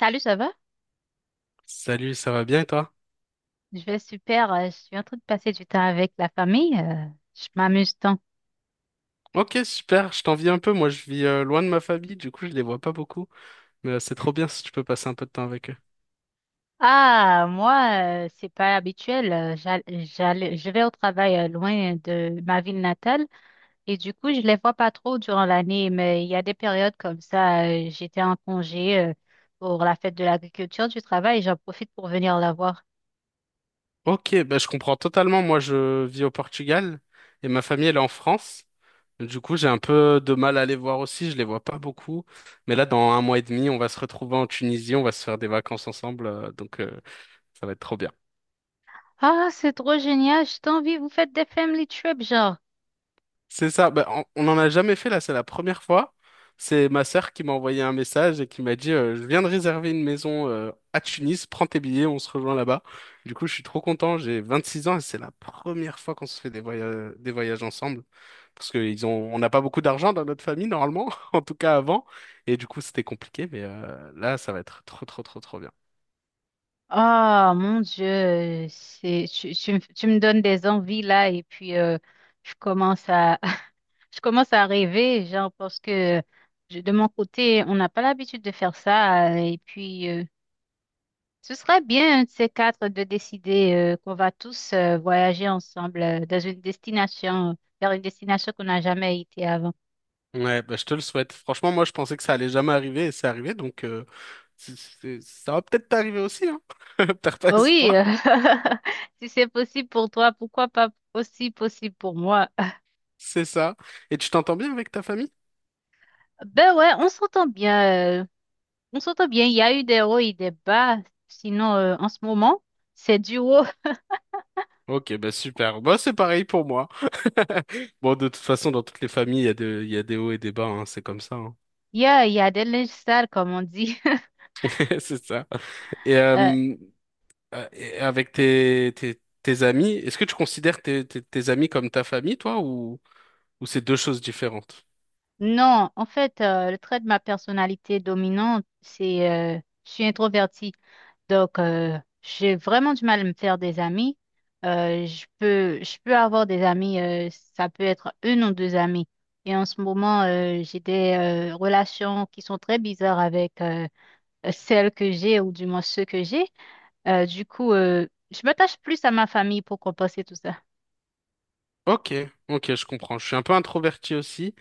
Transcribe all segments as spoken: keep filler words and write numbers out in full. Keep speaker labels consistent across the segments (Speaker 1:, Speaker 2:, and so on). Speaker 1: Salut, ça va?
Speaker 2: Salut, ça va bien et toi?
Speaker 1: Je vais super. euh, Je suis en train de passer du temps avec la famille. euh, Je m'amuse tant.
Speaker 2: Ok, super, je t'envie un peu. Moi, je vis euh, loin de ma famille, du coup, je les vois pas beaucoup. Mais euh, c'est trop bien si tu peux passer un peu de temps avec eux.
Speaker 1: Ah, moi, euh, c'est pas habituel. euh, j'all- j'allais- Je vais au travail euh, loin de ma ville natale et du coup, je les vois pas trop durant l'année. Mais il y a des périodes comme ça. euh, J'étais en congé euh, pour la fête de l'agriculture du travail et j'en profite pour venir la voir.
Speaker 2: Ok, bah, je comprends totalement. Moi, je vis au Portugal et ma famille, elle est en France. Du coup, j'ai un peu de mal à les voir aussi, je les vois pas beaucoup. Mais là, dans un mois et demi, on va se retrouver en Tunisie, on va se faire des vacances ensemble, euh, donc euh, ça va être trop bien.
Speaker 1: Ah, c'est trop génial. Je t'envie. Vous faites des family trips, genre.
Speaker 2: C'est ça, bah, on on n'en a jamais fait là, c'est la première fois. C'est ma sœur qui m'a envoyé un message et qui m'a dit euh, je viens de réserver une maison euh, à Tunis, prends tes billets, on se rejoint là-bas. Du coup, je suis trop content, j'ai vingt-six ans et c'est la première fois qu'on se fait des voyages, des voyages ensemble. Parce que ils ont, on n'a pas beaucoup d'argent dans notre famille, normalement, en tout cas avant. Et du coup, c'était compliqué, mais euh, là, ça va être trop, trop, trop, trop bien.
Speaker 1: Ah, mon Dieu, c'est tu, tu, me tu me donnes des envies là et puis euh, je commence à je commence à rêver genre parce que je- de mon côté on n'a pas l'habitude de faire ça euh, et puis euh, ce serait bien un de ces quatre de décider euh, qu'on va tous euh, voyager ensemble euh, dans une destination vers une destination qu'on n'a jamais été avant.
Speaker 2: Ouais, bah, je te le souhaite. Franchement, moi, je pensais que ça allait jamais arriver et c'est arrivé, donc euh, c'est- c'est- ça va peut-être t'arriver aussi, hein. Perds pas
Speaker 1: Oh oui,
Speaker 2: espoir.
Speaker 1: euh, si c'est possible pour toi, pourquoi pas aussi possible pour moi?
Speaker 2: C'est ça. Et tu t'entends bien avec ta famille?
Speaker 1: Ben ouais, on s'entend bien. euh, On s'entend bien, il y a eu des hauts et des bas. Sinon, euh, en ce moment, c'est du haut.
Speaker 2: Ok, bah super. Bah c'est pareil pour moi. Bon, de toute façon, dans toutes les familles, il y a de- il y a des hauts et des bas, hein, c'est comme ça. Hein.
Speaker 1: Il y a, il y a des linges sales, comme on dit.
Speaker 2: C'est ça. Et,
Speaker 1: Euh,
Speaker 2: euh, euh, et avec tes, tes, tes amis, est-ce que tu considères tes, tes, tes amis comme ta famille, toi, ou... Ou c'est deux choses différentes?
Speaker 1: non, en fait, euh, le trait de ma personnalité dominante, c'est euh, je suis introvertie. Donc, euh, j'ai vraiment du mal à me faire des amis. Euh, je peux, je peux avoir des amis, euh, ça peut être une ou deux amis. Et en ce moment, euh, j'ai des euh, relations qui sont très bizarres avec euh, celles que j'ai ou du moins ceux que j'ai. Euh, du coup, euh, je m'attache plus à ma famille pour compenser tout ça.
Speaker 2: Ok, ok, je comprends. Je suis un peu introverti aussi.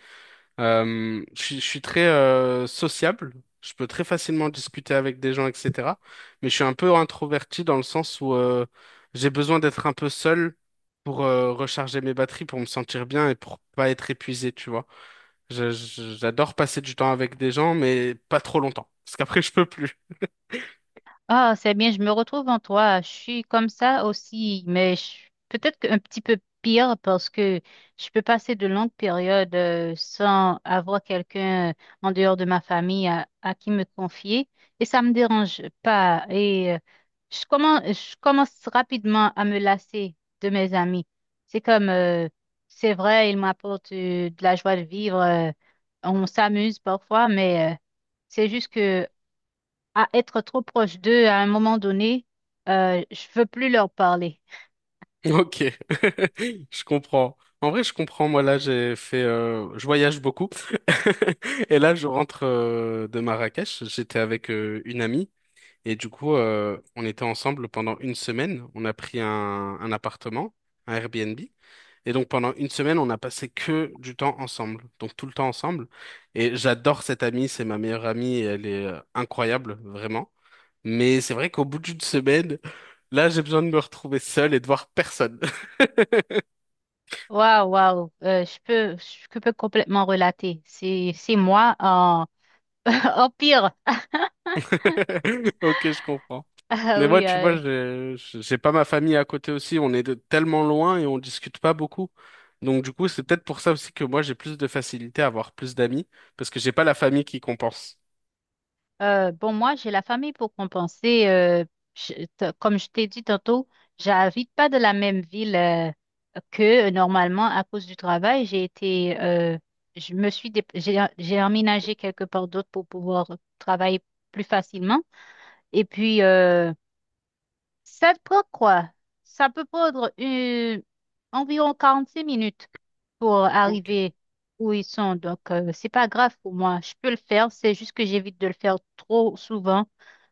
Speaker 2: Euh, je, suis je suis très euh, sociable, je peux très facilement discuter avec des gens, et cetera. Mais je suis un peu introverti dans le sens où euh, j'ai besoin d'être un peu seul pour euh, recharger mes batteries, pour me sentir bien et pour pas être épuisé, tu vois. Je- je- j'adore passer du temps avec des gens, mais pas trop longtemps, parce qu'après je peux plus.
Speaker 1: Ah, c'est bien, je me retrouve en toi. Je suis comme ça aussi, mais je- peut-être qu'un petit peu pire parce que je peux passer de longues périodes euh, sans avoir quelqu'un euh, en dehors de ma famille à, à qui me confier et ça me dérange pas. Et euh, je commence, je commence rapidement à me lasser de mes amis. C'est comme, euh, c'est vrai, ils m'apportent euh, de la joie de vivre. Euh, on s'amuse parfois, mais euh, c'est juste que à être trop proche d'eux à un moment donné, euh, je veux plus leur parler.
Speaker 2: Ok, je comprends. En vrai, je comprends. Moi, là, j'ai fait, euh, je voyage beaucoup, et là, je rentre euh, de Marrakech. J'étais avec euh, une amie. Et du coup, euh, on était ensemble pendant une semaine. On a pris un, un appartement, un Airbnb. Et donc, pendant une semaine, on a passé que du temps ensemble. Donc, tout le temps ensemble. Et j'adore cette amie. C'est ma meilleure amie. Et elle est euh, incroyable, vraiment. Mais c'est vrai qu'au bout d'une semaine, là, j'ai besoin de me retrouver seul et de voir personne.
Speaker 1: Waouh, waouh, euh, je peux, je peux complètement relater. C'est, c'est moi en, en pire.
Speaker 2: Ok, je comprends.
Speaker 1: Ah
Speaker 2: Mais moi,
Speaker 1: oui,
Speaker 2: tu
Speaker 1: euh,
Speaker 2: vois, j'ai j'ai pas ma famille à côté aussi. On est de- tellement loin et on discute pas beaucoup. Donc, du coup, c'est peut-être pour ça aussi que moi, j'ai plus de facilité à avoir plus d'amis parce que j'ai pas la famille qui compense.
Speaker 1: euh, bon, moi, j'ai la famille pour compenser. Euh, je- t- comme je t'ai dit tantôt, j'habite pas de la même ville euh, que normalement à cause du travail. J'ai été, euh, je me suis, dép- j'ai j'ai emménagé quelque part d'autre pour pouvoir travailler plus facilement. Et puis, euh, ça prend quoi? Ça peut prendre une environ quarante-cinq minutes pour
Speaker 2: Ok.
Speaker 1: arriver où ils sont. Donc, euh, c'est pas grave pour moi. Je peux le faire. C'est juste que j'évite de le faire trop souvent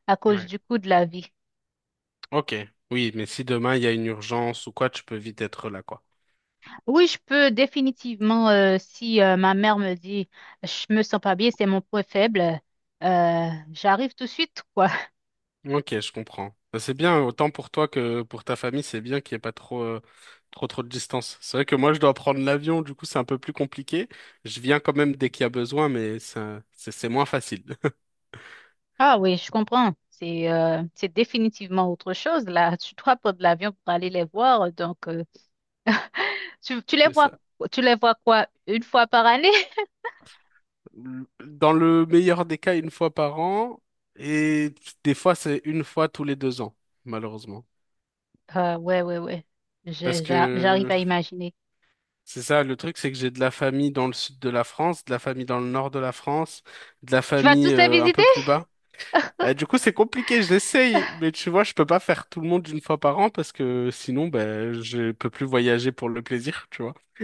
Speaker 1: à cause
Speaker 2: Ouais.
Speaker 1: du coût de la vie.
Speaker 2: Ok. Oui, mais si demain il y a une urgence ou quoi, tu peux vite être là, quoi.
Speaker 1: Oui, je peux définitivement, euh, si euh, ma mère me dit, je me sens pas bien, c'est mon point faible, euh, j'arrive tout de suite, quoi.
Speaker 2: Ok, je comprends. Bah, c'est bien, autant pour toi que pour ta famille, c'est bien qu'il n'y ait pas trop, euh, trop, trop de distance. C'est vrai que moi, je dois prendre l'avion, du coup, c'est un peu plus compliqué. Je viens quand même dès qu'il y a besoin, mais ça, c'est c'est moins facile.
Speaker 1: Ah oui, je comprends. C'est euh, c'est définitivement autre chose là. Tu dois prendre l'avion pour aller les voir, donc. euh, Tu, tu les
Speaker 2: C'est
Speaker 1: vois,
Speaker 2: ça.
Speaker 1: tu les vois quoi? Une fois par année?
Speaker 2: Dans le meilleur des cas, une fois par an, et des fois, c'est une fois tous les deux ans, malheureusement.
Speaker 1: Ah, ouais, ouais, ouais.
Speaker 2: Parce
Speaker 1: Je- j'a- j'arrive
Speaker 2: que
Speaker 1: à imaginer.
Speaker 2: c'est ça, le truc, c'est que j'ai de la famille dans le sud de la France, de la famille dans le nord de la France, de la
Speaker 1: Tu vas
Speaker 2: famille
Speaker 1: tous les
Speaker 2: euh, un
Speaker 1: visiter?
Speaker 2: peu plus bas. Bah, du coup, c'est compliqué, j'essaye, mais tu vois, je peux pas faire tout le monde une fois par an parce que sinon, ben je peux plus voyager pour le plaisir, tu vois.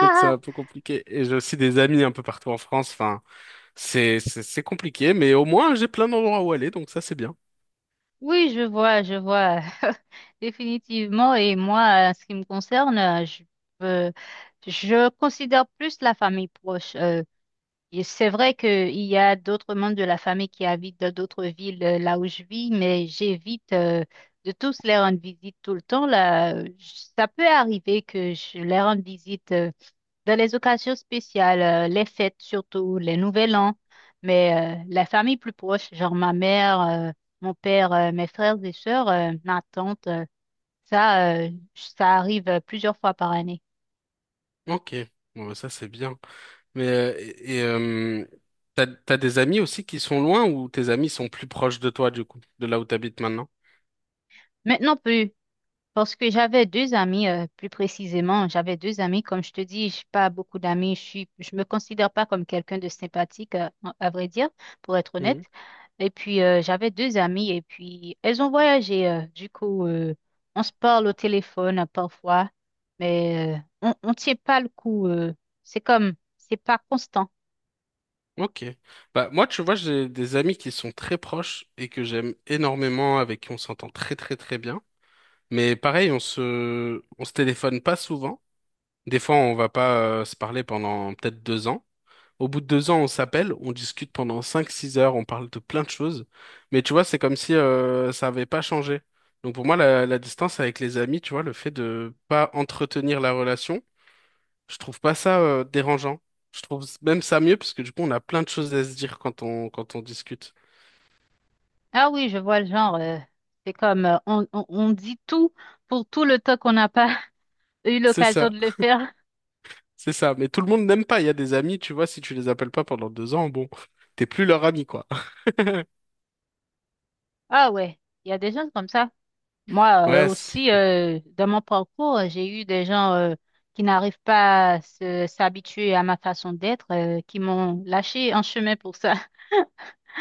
Speaker 2: Donc, c'est un peu compliqué. Et j'ai aussi des amis un peu partout en France, enfin. C'est, c'est c'est compliqué, mais au moins j'ai plein d'endroits où aller, donc ça c'est bien.
Speaker 1: Oui, je vois, je vois. Définitivement. Et moi, en ce qui me concerne, euh, je, euh, je considère plus la famille proche. Euh, et c'est vrai qu'il y a d'autres membres de la famille qui habitent dans d'autres villes euh, là où je vis, mais j'évite euh, de tous les rendre visite tout le temps. Là, Euh, j- ça peut arriver que je les rende visite. euh, Dans les occasions spéciales, euh, les fêtes surtout, les nouvel an, mais euh, la famille plus proche, genre ma mère, euh, mon père, euh, mes frères et sœurs, euh, ma tante, euh, ça, euh, ça arrive euh, plusieurs fois par année.
Speaker 2: Ok, bon, bah, ça c'est bien. Mais euh, et, et, euh, t'as, t'as des amis aussi qui sont loin ou tes amis sont plus proches de toi du coup, de là où t'habites maintenant?
Speaker 1: Maintenant plus, parce que j'avais deux amis, euh, plus précisément, j'avais deux amis. Comme je te dis, je pas beaucoup d'amis. Je suis, je me considère pas comme quelqu'un de sympathique, euh, à vrai dire, pour être honnête. Et puis, euh, j'avais deux amies et puis elles ont voyagé. euh, du coup, euh, on se parle au téléphone euh, parfois, mais euh, on ne tient pas le coup. Euh, c'est comme, c'est pas constant.
Speaker 2: Ok. Bah, moi, tu vois, j'ai des amis qui sont très proches et que j'aime énormément, avec qui on s'entend très très très bien. Mais pareil, on se, on se téléphone pas souvent. Des fois, on va pas euh, se parler pendant peut-être deux ans. Au bout de deux ans, on s'appelle, on discute pendant cinq, six heures, on parle de plein de choses. Mais tu vois, c'est comme si euh, ça avait pas changé. Donc pour moi, la, la distance avec les amis, tu vois, le fait de pas entretenir la relation. Je trouve pas ça euh, dérangeant. Je trouve même ça mieux parce que du coup, on a plein de choses à se dire quand on quand on discute.
Speaker 1: Ah oui, je vois le genre. Euh, c'est comme, euh, on, on, on dit tout pour tout le temps qu'on n'a pas eu
Speaker 2: C'est
Speaker 1: l'occasion
Speaker 2: ça,
Speaker 1: de le faire.
Speaker 2: c'est ça. Mais tout le monde n'aime pas. Il y a des amis, tu vois, si tu les appelles pas pendant deux ans, bon, t'es plus leur ami, quoi.
Speaker 1: Ah ouais, il y a des gens comme ça. Moi euh,
Speaker 2: Ouais, c'est-
Speaker 1: aussi, euh, dans mon parcours, j'ai eu des gens euh, qui n'arrivent pas à se- s'habituer à ma façon d'être, euh, qui m'ont lâché en chemin pour ça.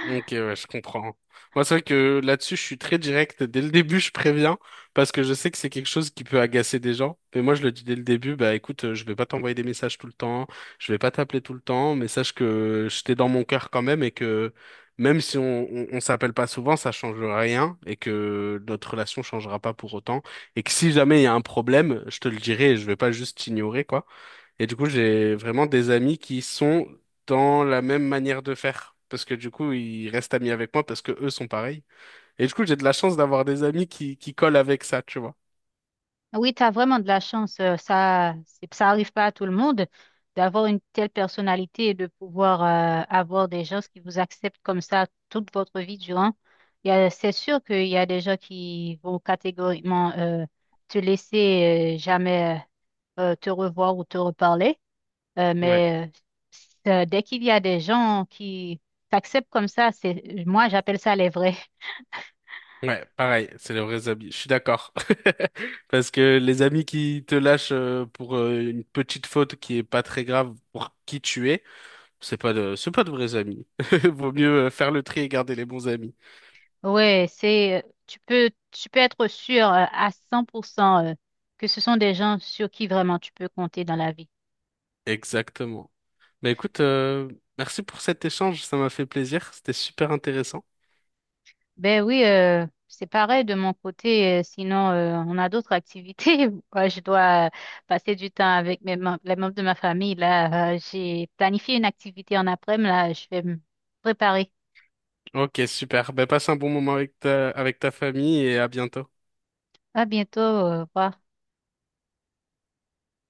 Speaker 2: Ok, ouais, je comprends. Moi, c'est vrai que là-dessus, je suis très direct. Dès le début, je préviens parce que je sais que c'est quelque chose qui peut agacer des gens. Mais moi, je le dis dès le début, bah écoute, euh, je vais pas t'envoyer des messages tout le temps, je vais pas t'appeler tout le temps, mais sache que je t'ai dans mon cœur quand même et que même si on, on, on s'appelle pas souvent, ça change rien et que notre relation changera pas pour autant. Et que si jamais il y a un problème, je te le dirai et je vais pas juste t'ignorer, quoi. Et du coup, j'ai vraiment des amis qui sont dans la même manière de faire. Parce que du coup, ils restent amis avec moi parce que eux sont pareils. Et du coup, j'ai de la chance d'avoir des amis qui, qui collent avec ça, tu vois.
Speaker 1: Oui, tu as vraiment de la chance. Euh, ça, c'est- ça arrive pas à tout le monde d'avoir une telle personnalité et de pouvoir euh, avoir des gens qui vous acceptent comme ça toute votre vie durant. Il y a- C'est sûr qu'il y a des gens qui vont catégoriquement euh, te laisser euh, jamais euh, te revoir ou te reparler. Euh,
Speaker 2: Ouais.
Speaker 1: mais euh, dès qu'il y a des gens qui t'acceptent comme ça, c'est, moi, j'appelle ça les vrais.
Speaker 2: Ouais, pareil, c'est les vrais amis. Je suis d'accord. Parce que les amis qui te lâchent euh, pour euh, une petite faute qui est pas très grave pour qui tu es, c'est pas de, c'est pas de vrais amis. Vaut mieux euh, faire le tri et garder les bons amis.
Speaker 1: Ouais, c'est, euh, tu peux, tu peux être sûr euh, à cent pour cent euh, que ce sont des gens sur qui vraiment tu peux compter dans la vie.
Speaker 2: Exactement. Bah écoute, euh, merci pour cet échange, ça m'a fait plaisir, c'était super intéressant.
Speaker 1: Ben oui, euh, c'est pareil de mon côté. euh, sinon, euh, on a d'autres activités. Moi, je dois euh, passer du temps avec mes mem- les membres de ma famille. Là, Euh, j'ai planifié une activité en après-midi. Là, je vais me préparer.
Speaker 2: Ok, super. Ben, passe un bon moment avec ta, avec ta famille et à bientôt.
Speaker 1: À bientôt. euh, Au revoir.